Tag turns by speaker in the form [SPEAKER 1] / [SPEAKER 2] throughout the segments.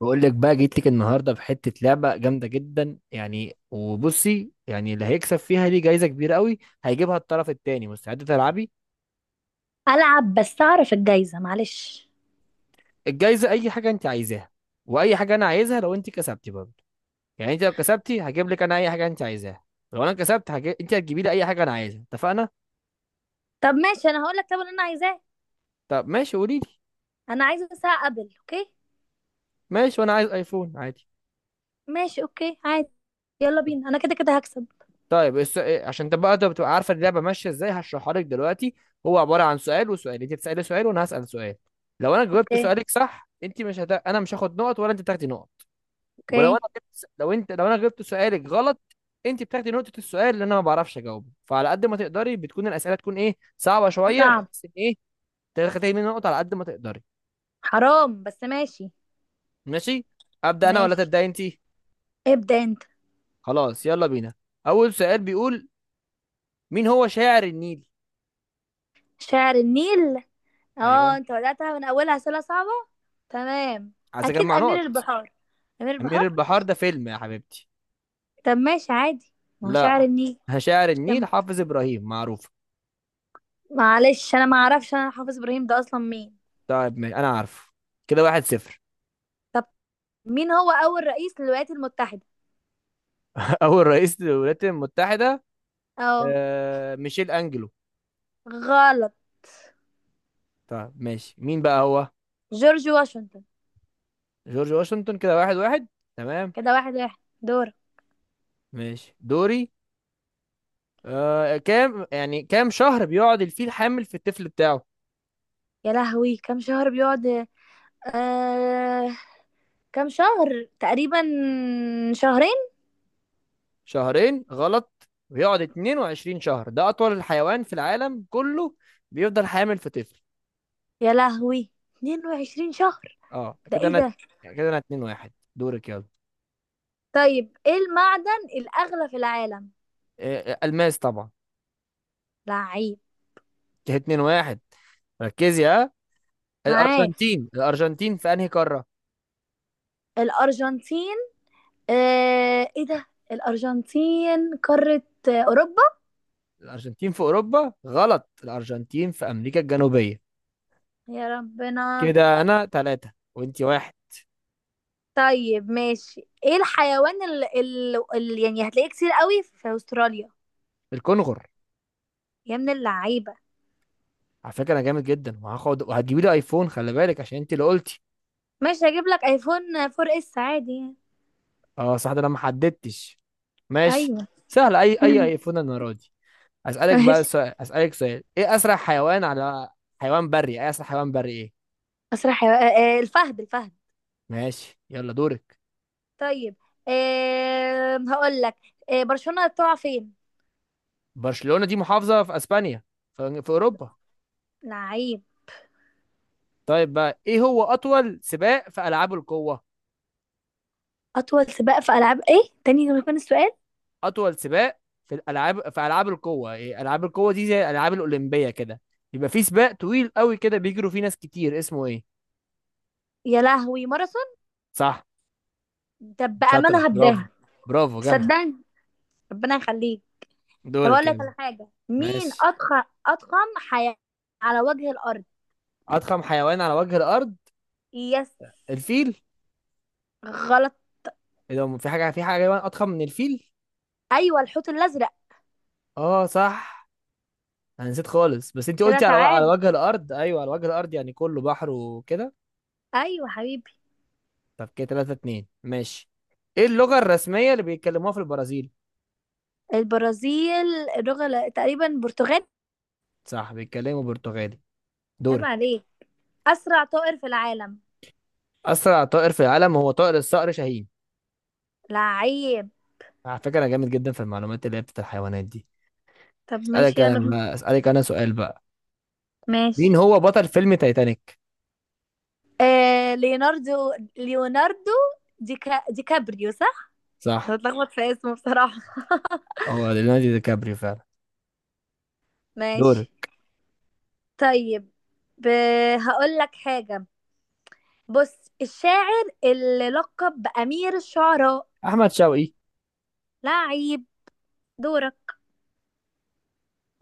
[SPEAKER 1] بقول لك بقى جيت لك النهارده بحته لعبه جامده جدا وبصي اللي هيكسب فيها ليه جايزه كبيره قوي هيجيبها الطرف التاني. مستعده تلعبي؟
[SPEAKER 2] العب بس اعرف الجايزه، معلش.
[SPEAKER 1] الجايزه اي حاجه انت عايزاها، واي حاجه انا عايزها لو انت كسبتي برضه. يعني انت لو كسبتي هجيب لك انا اي حاجه انت عايزاها، لو انا كسبت انت هتجيبي لي اي حاجه انا عايزها. اتفقنا؟
[SPEAKER 2] طب ماشي، انا هقول لك طب اللي انا عايزاه.
[SPEAKER 1] طب ماشي، قولي لي.
[SPEAKER 2] انا عايزه ساعه، قبل. اوكي.
[SPEAKER 1] ماشي، وانا عايز ايفون عادي.
[SPEAKER 2] ماشي، اوكي عادي. يلا بينا، انا كده كده هكسب.
[SPEAKER 1] طيب الس... إيه، عشان تبقى عارفه اللعبه ماشيه ازاي هشرحها لك دلوقتي. هو عباره عن سؤال وسؤال، انت تسالي سؤال وانا هسال سؤال. لو انا جاوبت
[SPEAKER 2] اوكي.
[SPEAKER 1] سؤالك صح، انت مش هت... انا مش هاخد نقط ولا انت بتاخدي نقط. ولو انا
[SPEAKER 2] اوكي.
[SPEAKER 1] جبت... س- لو انت لو انا جبت سؤالك غلط، انت بتاخدي نقطه. السؤال اللي انا ما بعرفش اجاوبه، فعلى قد ما تقدري بتكون الاسئله تكون ايه صعبه شويه،
[SPEAKER 2] صعب.
[SPEAKER 1] بحيث ان تاخدي مني نقط على قد ما تقدري.
[SPEAKER 2] حرام، بس ماشي.
[SPEAKER 1] ماشي. ابدا انا ولا
[SPEAKER 2] ماشي،
[SPEAKER 1] تبداي انت؟
[SPEAKER 2] ابدا انت.
[SPEAKER 1] خلاص يلا بينا. اول سؤال بيقول، مين هو شاعر النيل؟
[SPEAKER 2] شاعر النيل؟ اه،
[SPEAKER 1] ايوه،
[SPEAKER 2] انت بداتها من اولها اسئله صعبه. تمام.
[SPEAKER 1] عايز
[SPEAKER 2] اكيد
[SPEAKER 1] اجمع
[SPEAKER 2] امير
[SPEAKER 1] نقط.
[SPEAKER 2] البحار. امير
[SPEAKER 1] أمير
[SPEAKER 2] البحار.
[SPEAKER 1] البحار ده فيلم يا حبيبتي.
[SPEAKER 2] طب ماشي عادي. ما هو شاعر
[SPEAKER 1] لا،
[SPEAKER 2] النيل.
[SPEAKER 1] شاعر النيل
[SPEAKER 2] كم-
[SPEAKER 1] حافظ إبراهيم، معروف.
[SPEAKER 2] معلش انا ما اعرفش، انا حافظ ابراهيم ده اصلا مين؟
[SPEAKER 1] طيب ماشي، أنا عارفه. كده واحد صفر.
[SPEAKER 2] طب مين هو اول رئيس للولايات المتحده؟
[SPEAKER 1] أول رئيس للولايات المتحدة؟
[SPEAKER 2] اه.
[SPEAKER 1] آه، ميشيل أنجلو.
[SPEAKER 2] غلط.
[SPEAKER 1] طيب ماشي، مين بقى هو؟
[SPEAKER 2] جورج واشنطن.
[SPEAKER 1] جورج واشنطن. كده واحد واحد. تمام.
[SPEAKER 2] كده واحد واحد، دور.
[SPEAKER 1] ماشي دوري. كام، كام شهر بيقعد الفيل حامل في الطفل بتاعه؟
[SPEAKER 2] يا لهوي، كم شهر بيقعد؟ آه... كم شهر تقريبا؟ شهرين.
[SPEAKER 1] شهرين غلط، بيقعد 22 شهر، ده أطول الحيوان في العالم كله بيفضل حامل في طفل.
[SPEAKER 2] يا لهوي، 22 شهر!
[SPEAKER 1] اه،
[SPEAKER 2] ده
[SPEAKER 1] كده
[SPEAKER 2] ايه
[SPEAKER 1] أنا،
[SPEAKER 2] ده؟
[SPEAKER 1] كده أنا 2 واحد، دورك يلا.
[SPEAKER 2] طيب، ايه المعدن الأغلى في العالم؟
[SPEAKER 1] آه، الماس طبعا.
[SPEAKER 2] لعيب.
[SPEAKER 1] كده 2 1. ركزي ها.
[SPEAKER 2] معاك.
[SPEAKER 1] الارجنتين في انهي قاره؟
[SPEAKER 2] الأرجنتين. ايه ده؟ الأرجنتين قارة؟ أوروبا.
[SPEAKER 1] الارجنتين في اوروبا غلط، الارجنتين في امريكا الجنوبيه.
[SPEAKER 2] يا ربنا.
[SPEAKER 1] كده انا ثلاثة وانتي واحد.
[SPEAKER 2] طيب ماشي، ايه الحيوان اللي يعني هتلاقيه كتير قوي في أستراليا؟
[SPEAKER 1] الكونغر.
[SPEAKER 2] يا من اللعيبة.
[SPEAKER 1] على فكره انا جامد جدا، وهاخد وهتجيبي لي ايفون، خلي بالك عشان انت اللي قلتي.
[SPEAKER 2] ماشي، هجيب لك ايفون 4 اس عادي يعني.
[SPEAKER 1] اه صح، ده انا ما حددتش، ماشي.
[SPEAKER 2] ايوه.
[SPEAKER 1] سهل، اي ايفون انا راضي. اسالك
[SPEAKER 2] ماشي.
[SPEAKER 1] بقى سؤال، اسالك سؤال، ايه اسرع حيوان على، حيوان بري، ايه اسرع حيوان بري ايه؟
[SPEAKER 2] مسرح يا- آه، آه، الفهد الفهد.
[SPEAKER 1] ماشي يلا دورك.
[SPEAKER 2] طيب، هقول لك. برشلونة تقع فين؟
[SPEAKER 1] برشلونة دي محافظة في اسبانيا، في اوروبا.
[SPEAKER 2] لعيب.
[SPEAKER 1] طيب بقى، ايه هو اطول سباق في العاب القوة؟
[SPEAKER 2] اطول سباق في العاب ايه تاني لما يكون السؤال؟
[SPEAKER 1] اطول سباق في الالعاب في العاب القوة. إيه؟ العاب القوة دي زي الالعاب الاولمبية كده، يبقى في سباق طويل قوي كده بيجروا فيه ناس كتير، اسمه ايه؟
[SPEAKER 2] يا لهوي، ماراثون.
[SPEAKER 1] صح،
[SPEAKER 2] ده
[SPEAKER 1] شاطرة،
[SPEAKER 2] بامانه
[SPEAKER 1] برافو،
[SPEAKER 2] هبداها.
[SPEAKER 1] برافو جامدة.
[SPEAKER 2] صدقني. ربنا يخليك. طب اقول
[SPEAKER 1] دورك
[SPEAKER 2] لك
[SPEAKER 1] يلا.
[SPEAKER 2] على حاجه. مين
[SPEAKER 1] ماشي.
[SPEAKER 2] اضخم حيوان على وجه الارض؟
[SPEAKER 1] اضخم حيوان على وجه الارض؟
[SPEAKER 2] يس.
[SPEAKER 1] الفيل.
[SPEAKER 2] غلط.
[SPEAKER 1] إيه ده، في حاجه، في حاجه حيوان اضخم من الفيل؟
[SPEAKER 2] ايوه، الحوت الازرق.
[SPEAKER 1] اه صح، انا نسيت خالص، بس انت
[SPEAKER 2] كده
[SPEAKER 1] قلتي على
[SPEAKER 2] تعادل.
[SPEAKER 1] وجه الارض، ايوه على وجه الارض يعني كله بحر وكده.
[SPEAKER 2] ايوه حبيبي.
[SPEAKER 1] طب كده 3 2 ماشي. ايه اللغة الرسمية اللي بيتكلموها في البرازيل؟
[SPEAKER 2] البرازيل. تقريبا برتغال.
[SPEAKER 1] صح، بيتكلموا برتغالي.
[SPEAKER 2] عيب
[SPEAKER 1] دورك.
[SPEAKER 2] عليك. أسرع طائر في العالم؟
[SPEAKER 1] أسرع طائر في العالم هو طائر الصقر شاهين.
[SPEAKER 2] لعيب.
[SPEAKER 1] على فكرة أنا جامد جدا في المعلومات اللي هي بتاعت الحيوانات دي.
[SPEAKER 2] طب
[SPEAKER 1] أسألك
[SPEAKER 2] ماشي، يلا
[SPEAKER 1] أنا
[SPEAKER 2] بينا.
[SPEAKER 1] بقى، أسألك أنا سؤال بقى،
[SPEAKER 2] ماشي.
[SPEAKER 1] مين هو بطل فيلم تايتانيك؟
[SPEAKER 2] آه، ليوناردو. دي كابريو، صح؟
[SPEAKER 1] صح،
[SPEAKER 2] هتلخبط في اسمه بصراحة.
[SPEAKER 1] هو ليوناردو دي كابريو فعلا. دورك.
[SPEAKER 2] ماشي. طيب. ب... هقول لك حاجة. بص، الشاعر اللي لقب بأمير الشعراء.
[SPEAKER 1] أحمد شوقي.
[SPEAKER 2] لعيب. دورك.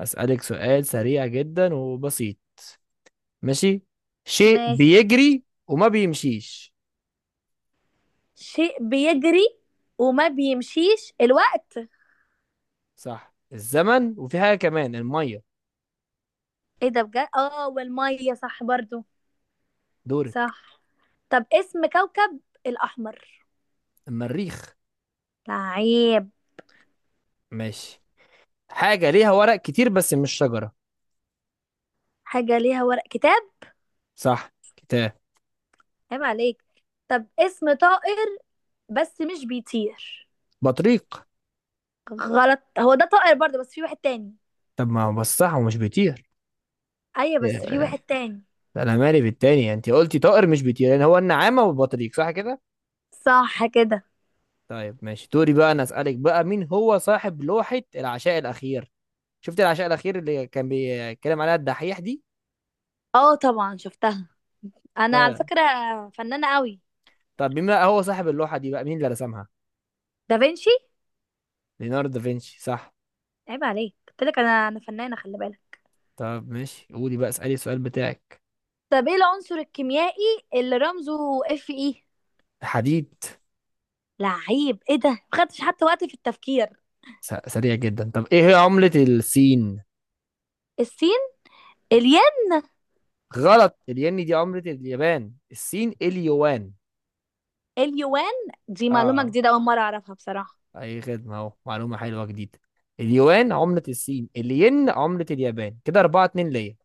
[SPEAKER 1] أسألك سؤال سريع جدا وبسيط. ماشي. شيء
[SPEAKER 2] ماشي.
[SPEAKER 1] بيجري وما بيمشيش.
[SPEAKER 2] شيء بيجري. وما بيمشيش الوقت.
[SPEAKER 1] صح الزمن، وفي حاجة كمان، المية.
[SPEAKER 2] ايه ده بجد! اه والمية صح برضو.
[SPEAKER 1] دورك.
[SPEAKER 2] صح. طب اسم كوكب الأحمر.
[SPEAKER 1] المريخ.
[SPEAKER 2] لعيب.
[SPEAKER 1] ماشي. حاجة ليها ورق كتير بس مش شجرة.
[SPEAKER 2] حاجة ليها ورق، كتاب.
[SPEAKER 1] صح، كتاب.
[SPEAKER 2] عيب عليك. طب اسم طائر بس مش بيطير.
[SPEAKER 1] بطريق.
[SPEAKER 2] غلط، هو ده طائر برضه، بس في واحد تاني.
[SPEAKER 1] طب ما هو بس صح، ومش بيطير.
[SPEAKER 2] أيوة بس في
[SPEAKER 1] إيه،
[SPEAKER 2] واحد تاني.
[SPEAKER 1] انا مالي بالتاني، انت قلتي طائر مش بيطير، يعني هو النعامة والبطريق، صح كده.
[SPEAKER 2] صح كده.
[SPEAKER 1] طيب ماشي دوري بقى، انا اسألك بقى، مين هو صاحب لوحة العشاء الأخير؟ شفت العشاء الأخير اللي كان بيتكلم عليها الدحيح دي؟
[SPEAKER 2] اه طبعا شفتها. أنا على
[SPEAKER 1] طيب.
[SPEAKER 2] فكرة فنانة قوي.
[SPEAKER 1] طب مين بقى هو صاحب اللوحة دي بقى، مين اللي رسمها؟
[SPEAKER 2] دافنشي.
[SPEAKER 1] ليوناردو دافنشي، صح.
[SPEAKER 2] عيب عليك، قلت لك أنا فنانة، خلي بالك.
[SPEAKER 1] طب ماشي، قولي بقى، اسألي السؤال بتاعك.
[SPEAKER 2] طب ايه العنصر الكيميائي اللي رمزه اف اي؟
[SPEAKER 1] حديد.
[SPEAKER 2] لعيب، ايه ده، ما خدتش حتى وقت في التفكير.
[SPEAKER 1] سريع جدا. طب ايه هي عملة الصين؟
[SPEAKER 2] السين الياء.
[SPEAKER 1] غلط، الين دي عملة اليابان، الصين اليوان.
[SPEAKER 2] اليوان. دي معلومة
[SPEAKER 1] اه،
[SPEAKER 2] جديدة، أول مرة أعرفها بصراحة.
[SPEAKER 1] اي خدمة، اهو معلومة حلوة جديدة. اليوان عملة الصين، الين عملة اليابان. كده 4 2 ليا.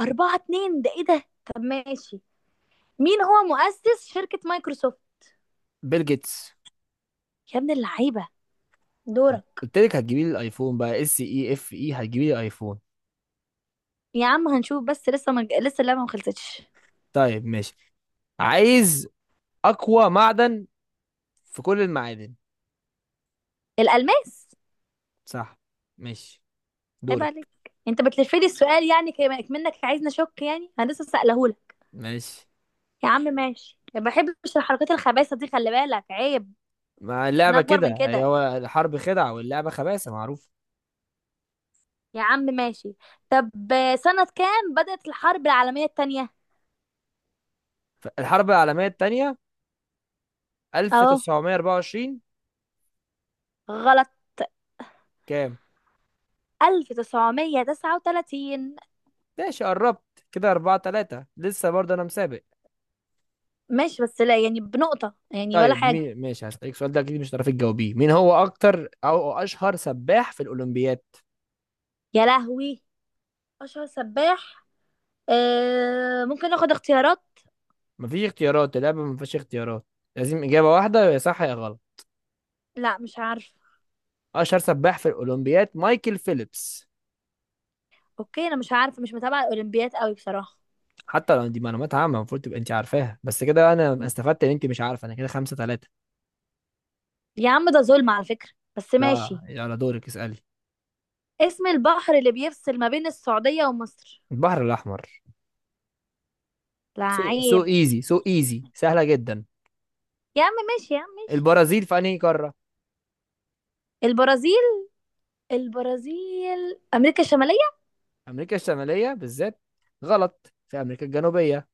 [SPEAKER 2] أربعة اتنين، ده إيه ده؟ طب ماشي، مين هو مؤسس شركة مايكروسوفت؟
[SPEAKER 1] بيل جيتس.
[SPEAKER 2] يا ابن اللعيبة.
[SPEAKER 1] قلت
[SPEAKER 2] دورك.
[SPEAKER 1] قلت لك هتجيبي لي الايفون بقى اس اي اف اي، هتجيبي لي ايفون.
[SPEAKER 2] يا عم هنشوف، بس لسه، ما لسه اللعبة ما خلصتش.
[SPEAKER 1] طيب ماشي. عايز اقوى معدن في كل المعادن.
[SPEAKER 2] الألماس.
[SPEAKER 1] صح. ماشي.
[SPEAKER 2] عيب عليك،
[SPEAKER 1] دورك.
[SPEAKER 2] أنت بتلفلي السؤال يعني، منك عايزني أشك يعني، أنا لسه سألهولك.
[SPEAKER 1] ماشي.
[SPEAKER 2] يا عم ماشي، ما بحبش الحركات الخبيثة دي، خلي بالك عيب.
[SPEAKER 1] مع
[SPEAKER 2] احنا
[SPEAKER 1] اللعبة
[SPEAKER 2] أكبر من
[SPEAKER 1] كده، هي
[SPEAKER 2] كده.
[SPEAKER 1] هو الحرب خدعة واللعبة خباثة، معروف.
[SPEAKER 2] يا عم ماشي. طب، سنة كام بدأت الحرب العالمية التانية؟
[SPEAKER 1] الحرب العالمية التانية
[SPEAKER 2] أهو.
[SPEAKER 1] 1924.
[SPEAKER 2] غلط.
[SPEAKER 1] كام؟
[SPEAKER 2] 1939.
[SPEAKER 1] ماشي، قربت كده، أربعة تلاتة، لسه برضه أنا مسابق.
[SPEAKER 2] ماشي، بس لا يعني بنقطة يعني ولا
[SPEAKER 1] طيب
[SPEAKER 2] حاجة.
[SPEAKER 1] مين، ماشي هسألك السؤال ده، أكيد مش هتعرفي تجاوبيه، مين هو أكتر أو أشهر سباح في الأولمبياد؟
[SPEAKER 2] يا لهوي، أشهر سباح. آه، ممكن اخد اختيارات؟
[SPEAKER 1] مفيش اختيارات، اللعبة مفيش اختيارات، لازم إجابة واحدة، يا صح يا غلط.
[SPEAKER 2] لا، مش عارفة.
[SPEAKER 1] أشهر سباح في الأولمبياد مايكل فيليبس.
[SPEAKER 2] اوكي، انا مش عارفة، مش متابعة الاولمبياد قوي بصراحة.
[SPEAKER 1] حتى لو دي معلومات عامة المفروض تبقى أنت عارفاها، بس كده أنا استفدت إن أنت مش عارفة، أنا كده خمسة تلاتة.
[SPEAKER 2] يا عم ده ظلم على فكرة، بس
[SPEAKER 1] لا
[SPEAKER 2] ماشي.
[SPEAKER 1] يلا دورك اسألي.
[SPEAKER 2] اسم البحر اللي بيفصل ما بين السعودية ومصر.
[SPEAKER 1] البحر الأحمر. سو، سو
[SPEAKER 2] لعيب.
[SPEAKER 1] إيزي، سو إيزي، سهلة جدا.
[SPEAKER 2] يا عم ماشي، يا عم ماشي.
[SPEAKER 1] البرازيل في أنهي قارة؟
[SPEAKER 2] البرازيل. البرازيل أمريكا الشمالية.
[SPEAKER 1] امريكا الشماليه بالذات؟ غلط، في امريكا الجنوبيه،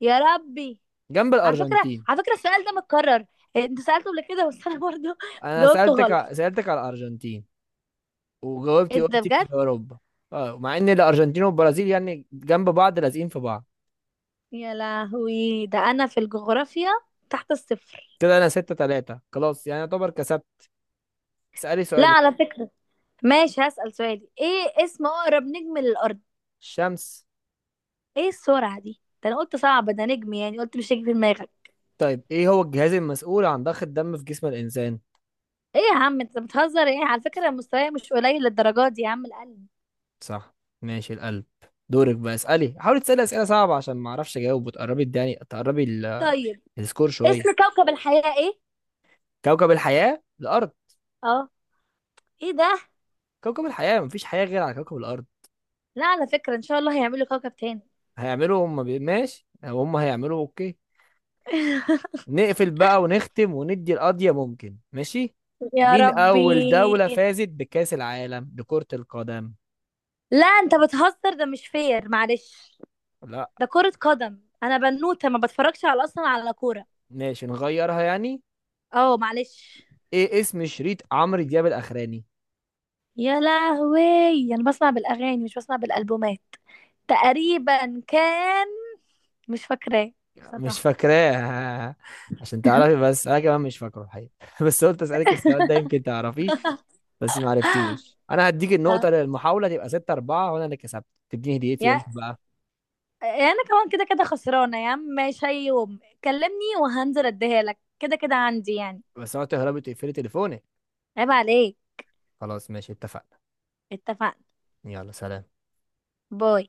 [SPEAKER 2] يا ربي.
[SPEAKER 1] جنب
[SPEAKER 2] على فكرة
[SPEAKER 1] الارجنتين.
[SPEAKER 2] على فكرة السؤال ده متكرر، انت سألته قبل كده، بس انا برضو
[SPEAKER 1] انا
[SPEAKER 2] جاوبته غلط.
[SPEAKER 1] سالتك على الارجنتين، وجاوبتي
[SPEAKER 2] ايه ده
[SPEAKER 1] قلتي
[SPEAKER 2] بجد.
[SPEAKER 1] في اوروبا. اه، مع ان الارجنتين والبرازيل يعني جنب بعض، لازقين في بعض.
[SPEAKER 2] يا لهوي، ده انا في الجغرافيا تحت الصفر.
[SPEAKER 1] كده انا ستة تلاتة، خلاص يعني يعتبر كسبت. اسالي
[SPEAKER 2] لا
[SPEAKER 1] سؤالك.
[SPEAKER 2] على فكرة. ماشي، هسأل سؤالي. ايه اسم اقرب نجم للارض؟
[SPEAKER 1] الشمس.
[SPEAKER 2] ايه السرعة دي، ده انا قلت صعب، ده نجم يعني، قلت مش هيجي في دماغك.
[SPEAKER 1] طيب ايه هو الجهاز المسؤول عن ضخ الدم في جسم الانسان؟
[SPEAKER 2] ايه يا عم، انت بتهزر ايه، على فكرة مستواي مش قليل للدرجات دي يا عم. القلب.
[SPEAKER 1] صح، ماشي، القلب. دورك بقى، اسالي، حاولي تسالي اسئله صعبه عشان ما اعرفش اجاوب، وتقربي الداني، تقربي
[SPEAKER 2] طيب
[SPEAKER 1] السكور شويه.
[SPEAKER 2] اسم كوكب الحياة ايه؟
[SPEAKER 1] كوكب الحياه الارض.
[SPEAKER 2] اه. ايه ده.
[SPEAKER 1] كوكب الحياة مفيش حياة غير على كوكب الأرض.
[SPEAKER 2] لا على فكرة، ان شاء الله هيعملوا كوكب تاني.
[SPEAKER 1] هيعملوا ماشي، هم هيعملوا أوكي. نقفل بقى ونختم وندي القضية، ممكن؟ ماشي.
[SPEAKER 2] يا
[SPEAKER 1] مين
[SPEAKER 2] ربي.
[SPEAKER 1] أول دولة فازت بكأس العالم لكرة القدم؟
[SPEAKER 2] لا انت بتهزر، ده مش فير معلش،
[SPEAKER 1] لا
[SPEAKER 2] ده كرة قدم، انا بنوتة ما بتفرجش على اصلا على كورة.
[SPEAKER 1] ماشي، نغيرها يعني.
[SPEAKER 2] اه معلش.
[SPEAKER 1] إيه اسم شريط عمرو دياب الأخراني؟
[SPEAKER 2] يا لهوي، انا بسمع بالاغاني، مش بسمع بالالبومات. تقريبا كان. مش فاكراه
[SPEAKER 1] مش
[SPEAKER 2] بصراحة.
[SPEAKER 1] فاكراه؟ عشان تعرفي بس، أنا كمان مش فاكره الحقيقة. بس قلت أسألك السؤال ده يمكن تعرفيه، بس ما عرفتيهوش. أنا هديك
[SPEAKER 2] آه.
[SPEAKER 1] النقطة للمحاولة تبقى 6 4، وأنا اللي كسبت. تديني هديتي إمتى
[SPEAKER 2] يا،
[SPEAKER 1] بقى؟
[SPEAKER 2] انا كمان كده كده خسرانة يا عم. ماشي، أي يوم كلمني وهنزل اديها لك، كده كده عندي يعني.
[SPEAKER 1] بس أنا قلت لهربت تقفلي تليفونك.
[SPEAKER 2] عيب عليك.
[SPEAKER 1] خلاص ماشي، اتفقنا.
[SPEAKER 2] اتفقنا.
[SPEAKER 1] يلا، سلام.
[SPEAKER 2] باي.